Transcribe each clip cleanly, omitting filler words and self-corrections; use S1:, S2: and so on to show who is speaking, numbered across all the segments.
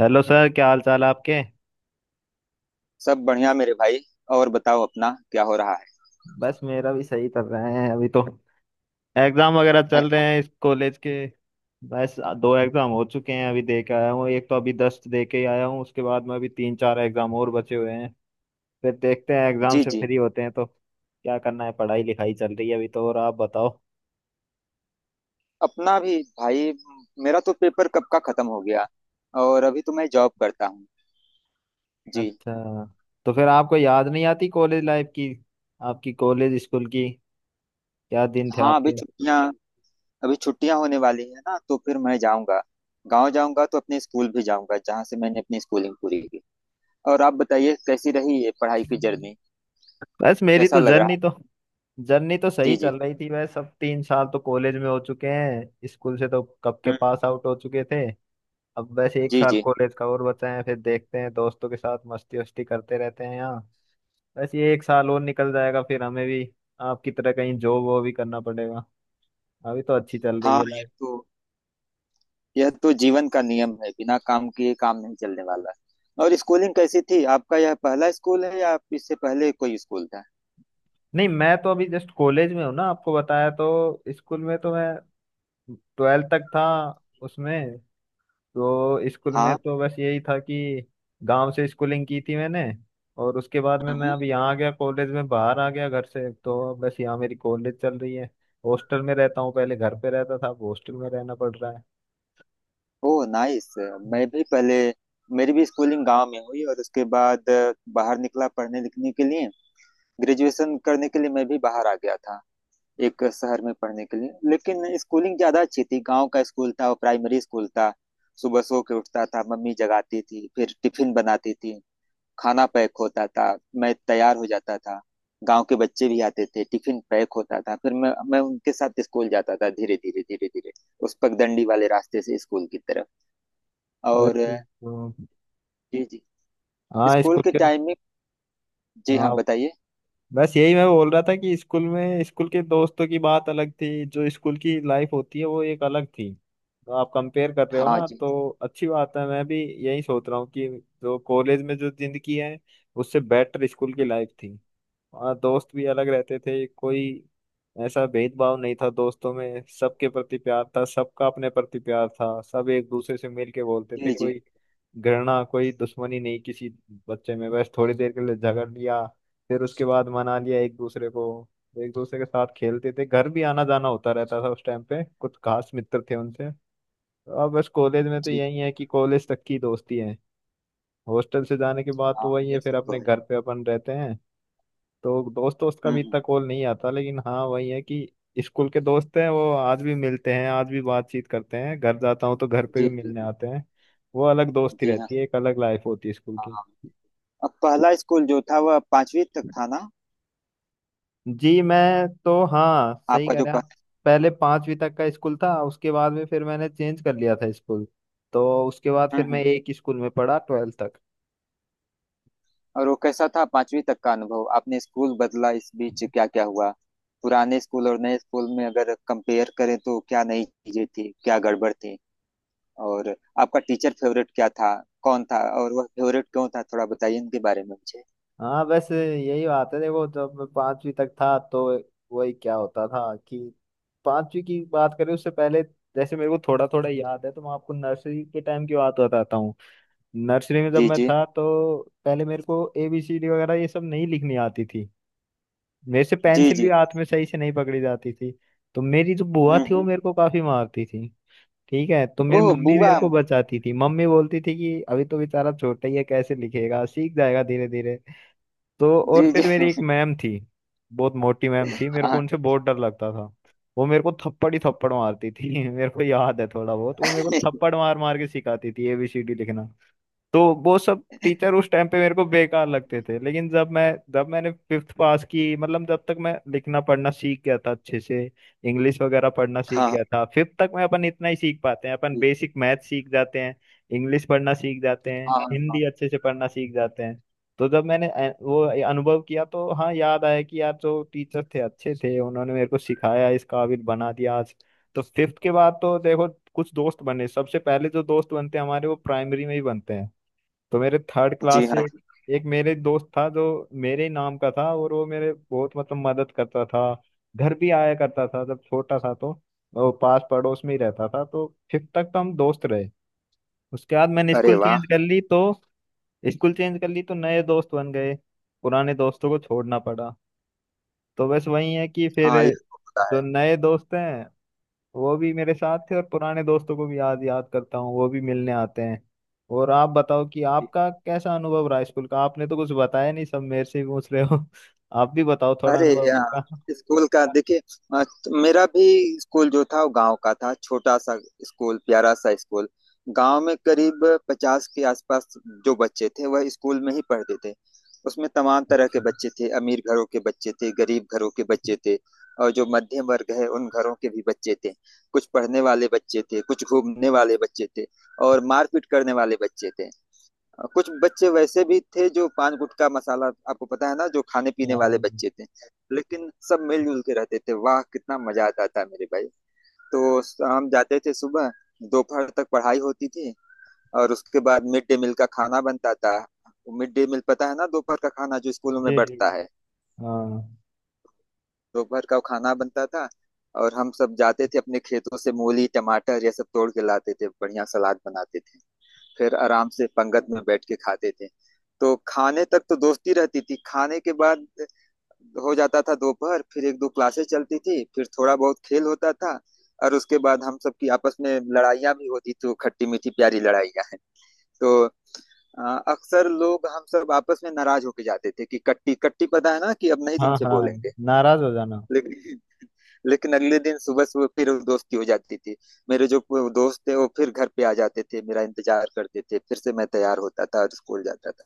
S1: Hello sir, क्या हाल चाल है आपके।
S2: सब बढ़िया मेरे भाई। और बताओ अपना क्या हो रहा है।
S1: बस मेरा भी सही चल रहा है अभी तो। एग्जाम वगैरह चल रहे
S2: अच्छा।
S1: हैं इस कॉलेज के। बस दो एग्जाम हो चुके हैं, अभी दे के आया हूँ। एक तो अभी 10 दे के ही आया हूँ। उसके बाद में अभी तीन चार एग्जाम और बचे हुए हैं। फिर देखते हैं, एग्जाम
S2: जी
S1: से
S2: जी।
S1: फ्री होते हैं तो क्या करना है। पढ़ाई लिखाई चल रही है अभी तो। और आप बताओ।
S2: अपना भी भाई। मेरा तो पेपर कब का खत्म हो गया और अभी तो मैं जॉब करता हूँ। जी।
S1: अच्छा। तो फिर आपको याद नहीं आती कॉलेज लाइफ की? आपकी कॉलेज स्कूल की? क्या दिन थे
S2: हाँ अभी
S1: आपके।
S2: छुट्टियाँ, अभी छुट्टियाँ होने वाली है ना तो फिर मैं जाऊँगा। गांव जाऊँगा तो अपने स्कूल भी जाऊँगा जहाँ से मैंने अपनी स्कूलिंग पूरी की। और आप बताइए कैसी रही ये पढ़ाई की जर्नी,
S1: बस मेरी
S2: कैसा
S1: तो
S2: लग रहा।
S1: जर्नी तो सही
S2: जी जी।
S1: चल रही थी। बस अब 3 साल तो कॉलेज में हो चुके हैं। स्कूल से तो कब के
S2: हम्म।
S1: पास आउट हो चुके थे। अब बस एक
S2: जी
S1: साल
S2: जी।
S1: कॉलेज का और बचा है। फिर देखते हैं, दोस्तों के साथ मस्ती वस्ती करते रहते हैं यहाँ। बस ये एक साल और निकल जाएगा, फिर हमें भी आपकी तरह कहीं जॉब वो भी करना पड़ेगा। अभी तो अच्छी चल रही
S2: हाँ
S1: है
S2: ये
S1: लाइफ।
S2: तो, यह तो जीवन का नियम है, बिना काम किए काम नहीं चलने वाला। और स्कूलिंग कैसी थी आपका? यह पहला स्कूल है या इससे पहले कोई स्कूल था?
S1: नहीं, मैं तो अभी जस्ट कॉलेज में हूँ ना, आपको बताया। तो स्कूल में तो मैं 12th तक था उसमें। तो स्कूल में
S2: हाँ।
S1: तो बस यही था कि गांव से स्कूलिंग की थी मैंने। और उसके बाद में मैं
S2: हम्म।
S1: अब यहाँ आ गया कॉलेज में, बाहर आ गया घर से। तो बस यहाँ मेरी कॉलेज चल रही है। हॉस्टल में रहता हूँ, पहले घर पे रहता था, अब हॉस्टल में रहना पड़ रहा है।
S2: Oh nice. मैं भी पहले, मेरी भी स्कूलिंग गांव में हुई और उसके बाद बाहर निकला पढ़ने लिखने के लिए। ग्रेजुएशन करने के लिए मैं भी बाहर आ गया था, एक शहर में पढ़ने के लिए। लेकिन स्कूलिंग ज़्यादा अच्छी थी, गांव का स्कूल था और प्राइमरी स्कूल था। सुबह सो के उठता था, मम्मी जगाती थी, फिर टिफिन बनाती थी, खाना पैक होता था, मैं तैयार हो जाता था। गांव के बच्चे भी आते थे, टिफिन पैक होता था, फिर मैं उनके साथ स्कूल जाता था, धीरे धीरे धीरे धीरे उस पगडंडी वाले रास्ते से स्कूल की तरफ। और,
S1: बिल्कुल तो।
S2: जी जी,
S1: हाँ,
S2: स्कूल
S1: स्कूल
S2: के
S1: के।
S2: टाइम में। जी हाँ
S1: हाँ,
S2: बताइए।
S1: बस यही मैं बोल रहा था कि स्कूल में, स्कूल के दोस्तों की बात अलग थी, जो स्कूल की लाइफ होती है वो एक अलग थी। तो आप कंपेयर कर रहे हो
S2: हाँ
S1: ना,
S2: जी।
S1: तो अच्छी बात है। मैं भी यही सोच रहा हूँ कि जो कॉलेज में जो जिंदगी है, उससे बेटर स्कूल की
S2: हाँ।
S1: लाइफ थी। वहाँ दोस्त भी अलग रहते थे। कोई ऐसा भेदभाव नहीं था दोस्तों में। सबके प्रति प्यार था, सबका अपने प्रति प्यार था। सब एक दूसरे से मिल के बोलते थे।
S2: जी जी
S1: कोई घृणा, कोई दुश्मनी नहीं किसी बच्चे में। बस थोड़ी देर के लिए झगड़ लिया, फिर उसके बाद मना लिया एक दूसरे को। एक दूसरे के साथ खेलते थे, घर भी आना जाना होता रहता था उस टाइम पे। कुछ खास मित्र थे उनसे। अब बस कॉलेज में तो
S2: जी।
S1: यही है कि कॉलेज तक की दोस्ती है। हॉस्टल से जाने के बाद
S2: हाँ
S1: तो वही है,
S2: यह
S1: फिर
S2: सब तो
S1: अपने
S2: है।
S1: घर पे अपन रहते हैं। तो दोस्त दोस्त का भी
S2: हम्म।
S1: इतना कॉल नहीं आता। लेकिन हाँ, वही है कि स्कूल के दोस्त हैं, वो आज भी मिलते हैं, आज भी बातचीत करते हैं। घर जाता हूँ तो घर पे
S2: जी
S1: भी
S2: जी
S1: मिलने
S2: जी
S1: आते हैं। वो अलग दोस्ती
S2: जी। हाँ
S1: रहती है, एक अलग लाइफ होती है स्कूल
S2: हाँ
S1: की।
S2: हाँ। अब पहला स्कूल जो था वह पांचवी तक था ना?
S1: जी, मैं तो, हाँ, सही
S2: आपका
S1: कह
S2: जो
S1: रहे हैं आप।
S2: पहला।
S1: पहले पांचवी तक का स्कूल था, उसके बाद में फिर मैंने चेंज कर लिया था स्कूल। तो उसके बाद फिर मैं
S2: हम्म।
S1: एक ही स्कूल में पढ़ा 12th तक।
S2: और वो कैसा था पांचवी तक का अनुभव? आपने स्कूल बदला, इस बीच क्या क्या हुआ? पुराने स्कूल और नए स्कूल में अगर कंपेयर करें तो क्या नई चीजें थी, क्या गड़बड़ थी? और आपका टीचर फेवरेट क्या था, कौन था और वह फेवरेट क्यों था, थोड़ा बताइए इनके बारे में मुझे।
S1: हाँ, बस यही बात है। देखो, जब मैं पांचवी तक था तो वही क्या होता था कि पांचवी की बात करें उससे पहले, जैसे मेरे को थोड़ा थोड़ा याद है, तो मैं आपको नर्सरी के टाइम की बात बताता हूँ। नर्सरी में जब
S2: जी
S1: मैं
S2: जी
S1: था तो पहले मेरे को ABCD वगैरह ये सब नहीं लिखनी आती थी। मेरे से
S2: जी
S1: पेंसिल भी
S2: जी।
S1: हाथ में सही से नहीं पकड़ी जाती थी। तो मेरी जो बुआ
S2: हम्म
S1: थी वो
S2: हम्म।
S1: मेरे को काफी मारती थी। ठीक है, तो मेरी
S2: ओह
S1: मम्मी मेरे
S2: बुआ।
S1: को बचाती थी, मम्मी बोलती थी कि अभी तो बेचारा छोटा ही है, कैसे लिखेगा, सीख जाएगा धीरे धीरे। तो
S2: जी
S1: और
S2: जी
S1: फिर मेरी एक मैम थी, बहुत मोटी मैम थी, मेरे को
S2: हाँ।
S1: उनसे बहुत डर लगता था। वो मेरे को थप्पड़ ही थप्पड़ मारती थी। मेरे को याद है थोड़ा बहुत, वो मेरे को थप्पड़ मार मार के सिखाती थी ABCD लिखना। तो वो सब टीचर उस टाइम पे मेरे को बेकार लगते थे। लेकिन जब मैंने फिफ्थ पास की, मतलब जब तक मैं लिखना पढ़ना सीख गया था अच्छे से, इंग्लिश वगैरह पढ़ना सीख
S2: हाँ
S1: गया था फिफ्थ तक। मैं अपन इतना ही सीख पाते हैं, अपन बेसिक मैथ सीख जाते हैं, इंग्लिश पढ़ना सीख जाते हैं,
S2: हाँ हाँ।
S1: हिंदी अच्छे से पढ़ना सीख जाते हैं। तो जब मैंने वो अनुभव किया, तो हाँ, याद आया कि यार जो टीचर थे अच्छे थे, उन्होंने मेरे को सिखाया, इस काबिल बना दिया आज। तो फिफ्थ के बाद तो देखो कुछ दोस्त बने। सबसे पहले जो दोस्त बनते हैं हमारे वो प्राइमरी में ही बनते हैं। तो मेरे थर्ड
S2: जी
S1: क्लास से
S2: हाँ
S1: एक,
S2: जी।
S1: एक मेरे दोस्त था, जो मेरे ही नाम का था, और वो मेरे बहुत, मतलब, मदद करता था। घर भी आया करता था जब छोटा था तो। वो पास पड़ोस में ही रहता था। तो फिफ्थ तक तो हम दोस्त रहे। उसके बाद मैंने
S2: अरे
S1: स्कूल
S2: वाह।
S1: चेंज कर ली। तो स्कूल चेंज कर ली तो नए दोस्त बन गए, पुराने दोस्तों को छोड़ना पड़ा। तो बस वही है कि फिर
S2: हाँ ये तो होता
S1: जो नए दोस्त हैं वो भी मेरे साथ थे, और पुराने दोस्तों को भी याद याद करता हूँ, वो भी मिलने आते हैं। और आप बताओ कि
S2: है।
S1: आपका कैसा अनुभव रहा स्कूल का। आपने तो कुछ बताया नहीं, सब मेरे से ही पूछ रहे हो। आप भी बताओ थोड़ा
S2: अरे
S1: अनुभव आपका।
S2: यार स्कूल का देखिए। अ, मेरा भी, स्कूल जो था वो गांव का था, छोटा सा स्कूल, प्यारा सा स्कूल। गांव में करीब 50 के आसपास जो बच्चे थे वह स्कूल में ही पढ़ते थे। उसमें तमाम तरह
S1: अच्छा।
S2: के बच्चे थे, अमीर घरों के बच्चे थे, गरीब घरों के बच्चे थे, और जो मध्यम वर्ग है उन घरों के भी बच्चे थे। कुछ पढ़ने वाले बच्चे थे, कुछ घूमने वाले बच्चे थे और मारपीट करने वाले बच्चे थे। कुछ बच्चे वैसे भी थे जो पान गुटखा मसाला, आपको पता है ना, जो खाने पीने
S1: हाँ
S2: वाले बच्चे थे। लेकिन सब मिलजुल के रहते थे। वाह कितना मजा आता था मेरे भाई। तो हम जाते थे सुबह, दोपहर तक पढ़ाई होती थी और उसके बाद मिड डे मील का खाना बनता था। मिड डे मील पता है ना, दोपहर का खाना जो स्कूलों में
S1: जी जी,
S2: बढ़ता है।
S1: हाँ
S2: दोपहर का खाना बनता था, और हम सब जाते थे अपने खेतों से मूली टमाटर ये सब तोड़ के लाते थे, बढ़िया सलाद बनाते थे, फिर आराम से पंगत में बैठ के खाते थे। तो खाने तक तो दोस्ती रहती थी। खाने के बाद हो जाता था दोपहर, फिर एक दो क्लासेस चलती थी, फिर थोड़ा बहुत खेल होता था और उसके बाद हम सबकी आपस में लड़ाइयाँ भी होती थी, वो खट्टी मीठी प्यारी लड़ाइयाँ हैं। तो अ, अक्सर लोग हम सब आपस में नाराज होके जाते थे कि कट्टी कट्टी, पता है ना, कि अब नहीं
S1: हाँ।
S2: तुमसे
S1: हाँ,
S2: बोलेंगे।
S1: नाराज हो जाना।
S2: लेकिन, अगले दिन सुबह सुबह फिर वो दोस्ती हो जाती थी। मेरे जो दोस्त थे वो फिर घर पे आ जाते थे, मेरा इंतजार करते थे, फिर से मैं तैयार होता था और स्कूल जाता था।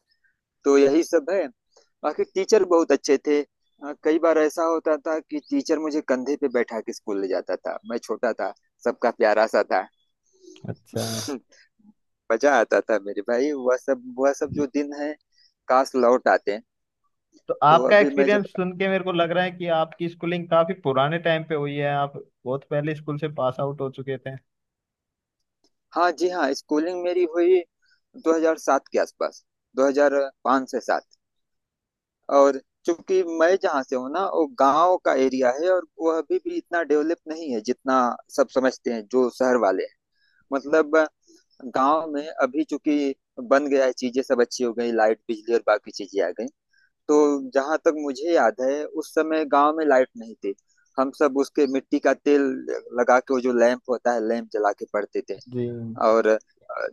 S2: तो यही सब है। बाकी टीचर बहुत अच्छे थे। कई बार ऐसा होता था कि टीचर मुझे कंधे पे बैठा के स्कूल ले जाता था, मैं छोटा था, सबका प्यारा सा था।
S1: अच्छा,
S2: मजा आता था मेरे भाई, वह सब, वह सब जो दिन है, काश लौट आते।
S1: तो
S2: तो
S1: आपका
S2: अभी मैं जब,
S1: एक्सपीरियंस सुन के मेरे को लग रहा है कि आपकी स्कूलिंग काफी पुराने टाइम पे हुई है, आप बहुत पहले स्कूल से पास आउट हो चुके थे।
S2: हाँ जी हाँ, स्कूलिंग मेरी हुई 2007 के आसपास, 2005 से सात। और चूंकि मैं जहाँ से हूँ ना वो गांव का एरिया है और वह अभी भी इतना डेवलप नहीं है जितना सब समझते हैं जो शहर वाले हैं। मतलब गांव में अभी चूंकि बन गया है, चीजें सब अच्छी हो गई, लाइट बिजली और बाकी चीजें आ गई, तो जहाँ तक मुझे याद है उस समय गांव में लाइट नहीं थी। हम सब उसके मिट्टी का तेल लगा के वो जो लैंप होता है, लैंप जला के पढ़ते थे।
S1: जी।
S2: और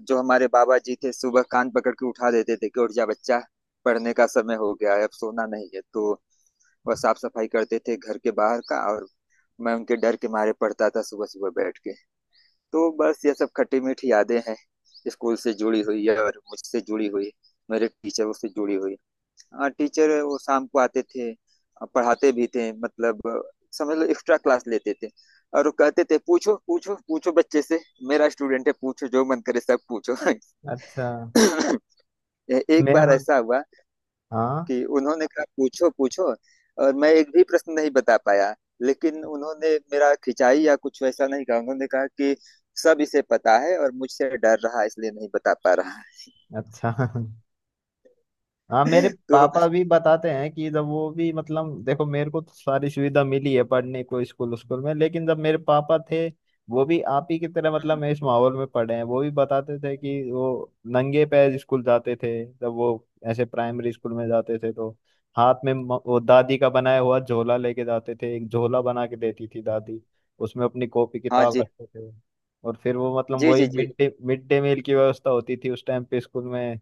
S2: जो हमारे बाबा जी थे सुबह कान पकड़ के उठा देते थे कि उठ जा बच्चा, पढ़ने का समय हो गया है अब सोना नहीं है। तो वह साफ सफाई करते थे घर के बाहर का, और मैं उनके डर के मारे पढ़ता था सुबह सुबह बैठ के। तो बस ये सब खट्टी मीठी यादें हैं स्कूल से जुड़ी हुई है और मुझसे जुड़ी हुई, मेरे टीचरों से जुड़ी हुई। हाँ टीचर वो शाम को आते थे, पढ़ाते भी थे, मतलब समझ लो एक्स्ट्रा क्लास लेते थे, और वो कहते थे पूछो पूछो पूछो बच्चे से, मेरा स्टूडेंट है, पूछो जो मन करे सब पूछो।
S1: अच्छा।
S2: एक
S1: मैं,
S2: बार
S1: हाँ।
S2: ऐसा हुआ
S1: हाँ।
S2: कि उन्होंने कहा पूछो पूछो और मैं एक भी प्रश्न नहीं बता पाया। लेकिन उन्होंने मेरा खिंचाई या कुछ वैसा नहीं कहा, उन्होंने कहा कि सब इसे पता है और मुझसे डर रहा है, इसलिए नहीं बता पा रहा
S1: अच्छा। हाँ, मेरे
S2: है। तो।
S1: पापा भी बताते हैं कि जब वो भी, मतलब, देखो मेरे को तो सारी सुविधा मिली है पढ़ने को स्कूल, स्कूल में। लेकिन जब मेरे पापा थे, वो भी आप ही की तरह मतलब इस माहौल में पढ़े हैं। वो भी बताते थे कि वो नंगे पैर स्कूल जाते थे, जब वो ऐसे प्राइमरी स्कूल में जाते थे तो हाथ में वो दादी का बनाया हुआ झोला लेके जाते थे। एक झोला बना के देती थी दादी। उसमें अपनी कॉपी
S2: हाँ
S1: किताब
S2: जी
S1: रखते थे। और फिर वो, मतलब,
S2: जी
S1: वही
S2: जी जी।
S1: मिड डे मील की व्यवस्था होती थी उस टाइम पे स्कूल में।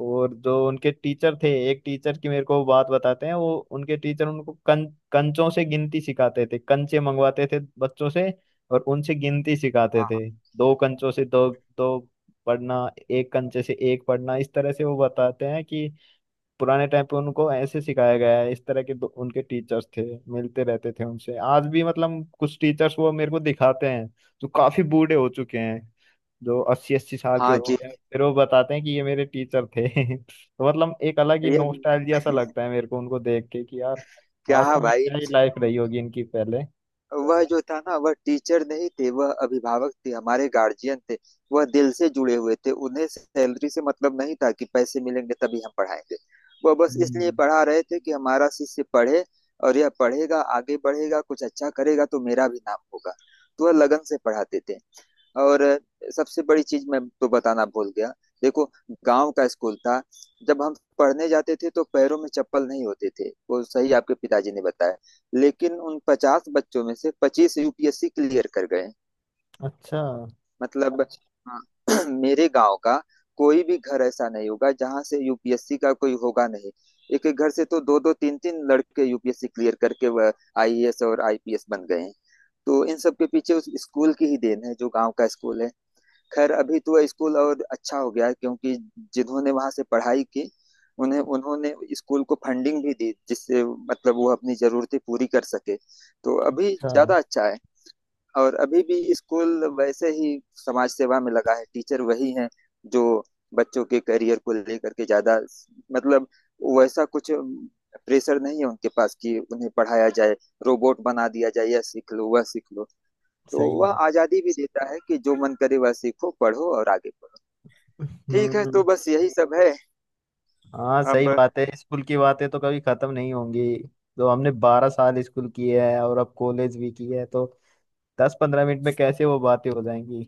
S1: और जो उनके टीचर थे, एक टीचर की मेरे को बात बताते हैं। वो उनके टीचर उनको कंचों से गिनती सिखाते थे, कंचे मंगवाते थे बच्चों से और उनसे गिनती सिखाते
S2: हाँ
S1: थे। दो कंचों से दो, दो पढ़ना, एक कंचे से एक पढ़ना, इस तरह से। वो बताते हैं कि पुराने टाइम पे उनको ऐसे सिखाया गया है। इस तरह के दो, उनके टीचर्स थे। मिलते रहते थे उनसे आज भी, मतलब कुछ टीचर्स वो मेरे को दिखाते हैं जो काफी बूढ़े हो चुके हैं, जो अस्सी अस्सी साल के
S2: हाँ
S1: हो
S2: जी।
S1: चुके हैं, फिर वो बताते हैं कि ये मेरे टीचर थे। तो मतलब एक अलग ही
S2: ये
S1: नॉस्टैल्जिया सा लगता है मेरे को उनको देख के कि यार,
S2: क्या
S1: वास्तव में
S2: भाई।
S1: क्या ही लाइफ रही होगी इनकी पहले।
S2: वह जो था ना, वह टीचर नहीं थे, वह अभिभावक थे, हमारे गार्जियन थे, वह दिल से जुड़े हुए थे। उन्हें सैलरी से मतलब नहीं था कि पैसे मिलेंगे तभी हम पढ़ाएंगे। वह बस इसलिए
S1: हम्म।
S2: पढ़ा रहे थे कि हमारा शिष्य पढ़े, और यह पढ़ेगा आगे बढ़ेगा कुछ अच्छा करेगा तो मेरा भी नाम होगा। तो वह लगन से पढ़ाते थे। और सबसे बड़ी चीज मैं तो बताना भूल गया, देखो, गांव का स्कूल था, जब हम पढ़ने जाते थे तो पैरों में चप्पल नहीं होते थे। वो सही आपके पिताजी ने बताया। लेकिन उन 50 बच्चों में से 25 यूपीएससी क्लियर कर गए।
S1: अच्छा।
S2: मतलब हाँ, मेरे गांव का कोई भी घर ऐसा नहीं होगा जहां से यूपीएससी का कोई होगा नहीं। एक एक घर से तो दो दो तीन तीन लड़के यूपीएससी क्लियर करके वह आईएएस और आईपीएस बन गए हैं। तो इन सब के पीछे उस स्कूल की ही देन है जो गांव का स्कूल है। खैर अभी तो स्कूल और अच्छा हो गया है, क्योंकि जिन्होंने वहां से पढ़ाई की उन्हें, उन्होंने स्कूल को फंडिंग भी दी, जिससे मतलब वो अपनी जरूरतें पूरी कर सके। तो अभी
S1: अच्छा,
S2: ज्यादा अच्छा है। और अभी भी स्कूल वैसे ही समाज सेवा में लगा है, टीचर वही हैं जो बच्चों के करियर को लेकर के ज्यादा, मतलब वैसा कुछ प्रेशर नहीं है उनके पास कि उन्हें पढ़ाया जाए, रोबोट बना दिया जाए, यह सीख लो वह सीख लो। तो
S1: सही
S2: वह
S1: बात।
S2: आजादी भी देता है कि जो मन करे वह सीखो पढ़ो और आगे बढ़ो। ठीक है तो
S1: हम्म।
S2: बस यही सब है।
S1: हाँ, सही
S2: अब,
S1: बात है, स्कूल की बातें तो कभी खत्म नहीं होंगी। तो हमने 12 साल स्कूल किए है, और अब कॉलेज भी की है। तो 10-15 मिनट में कैसे वो बातें हो जाएंगी।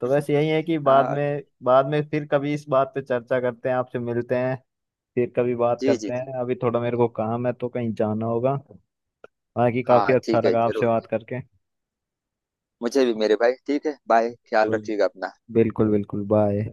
S1: तो बस यही है कि
S2: आ,
S1: बाद में फिर कभी इस बात पे चर्चा करते हैं, आपसे मिलते हैं, फिर कभी बात
S2: जी जी
S1: करते
S2: जी।
S1: हैं। अभी थोड़ा मेरे को काम है तो कहीं जाना होगा। बाकी काफी
S2: हाँ
S1: अच्छा
S2: ठीक है
S1: लगा आपसे
S2: जरूर
S1: बात
S2: जरूर।
S1: करके।
S2: मुझे भी मेरे भाई, ठीक है, बाय, ख्याल
S1: बिल्कुल।
S2: रखिएगा अपना।
S1: बिल्कुल बिल्कुल, बाय।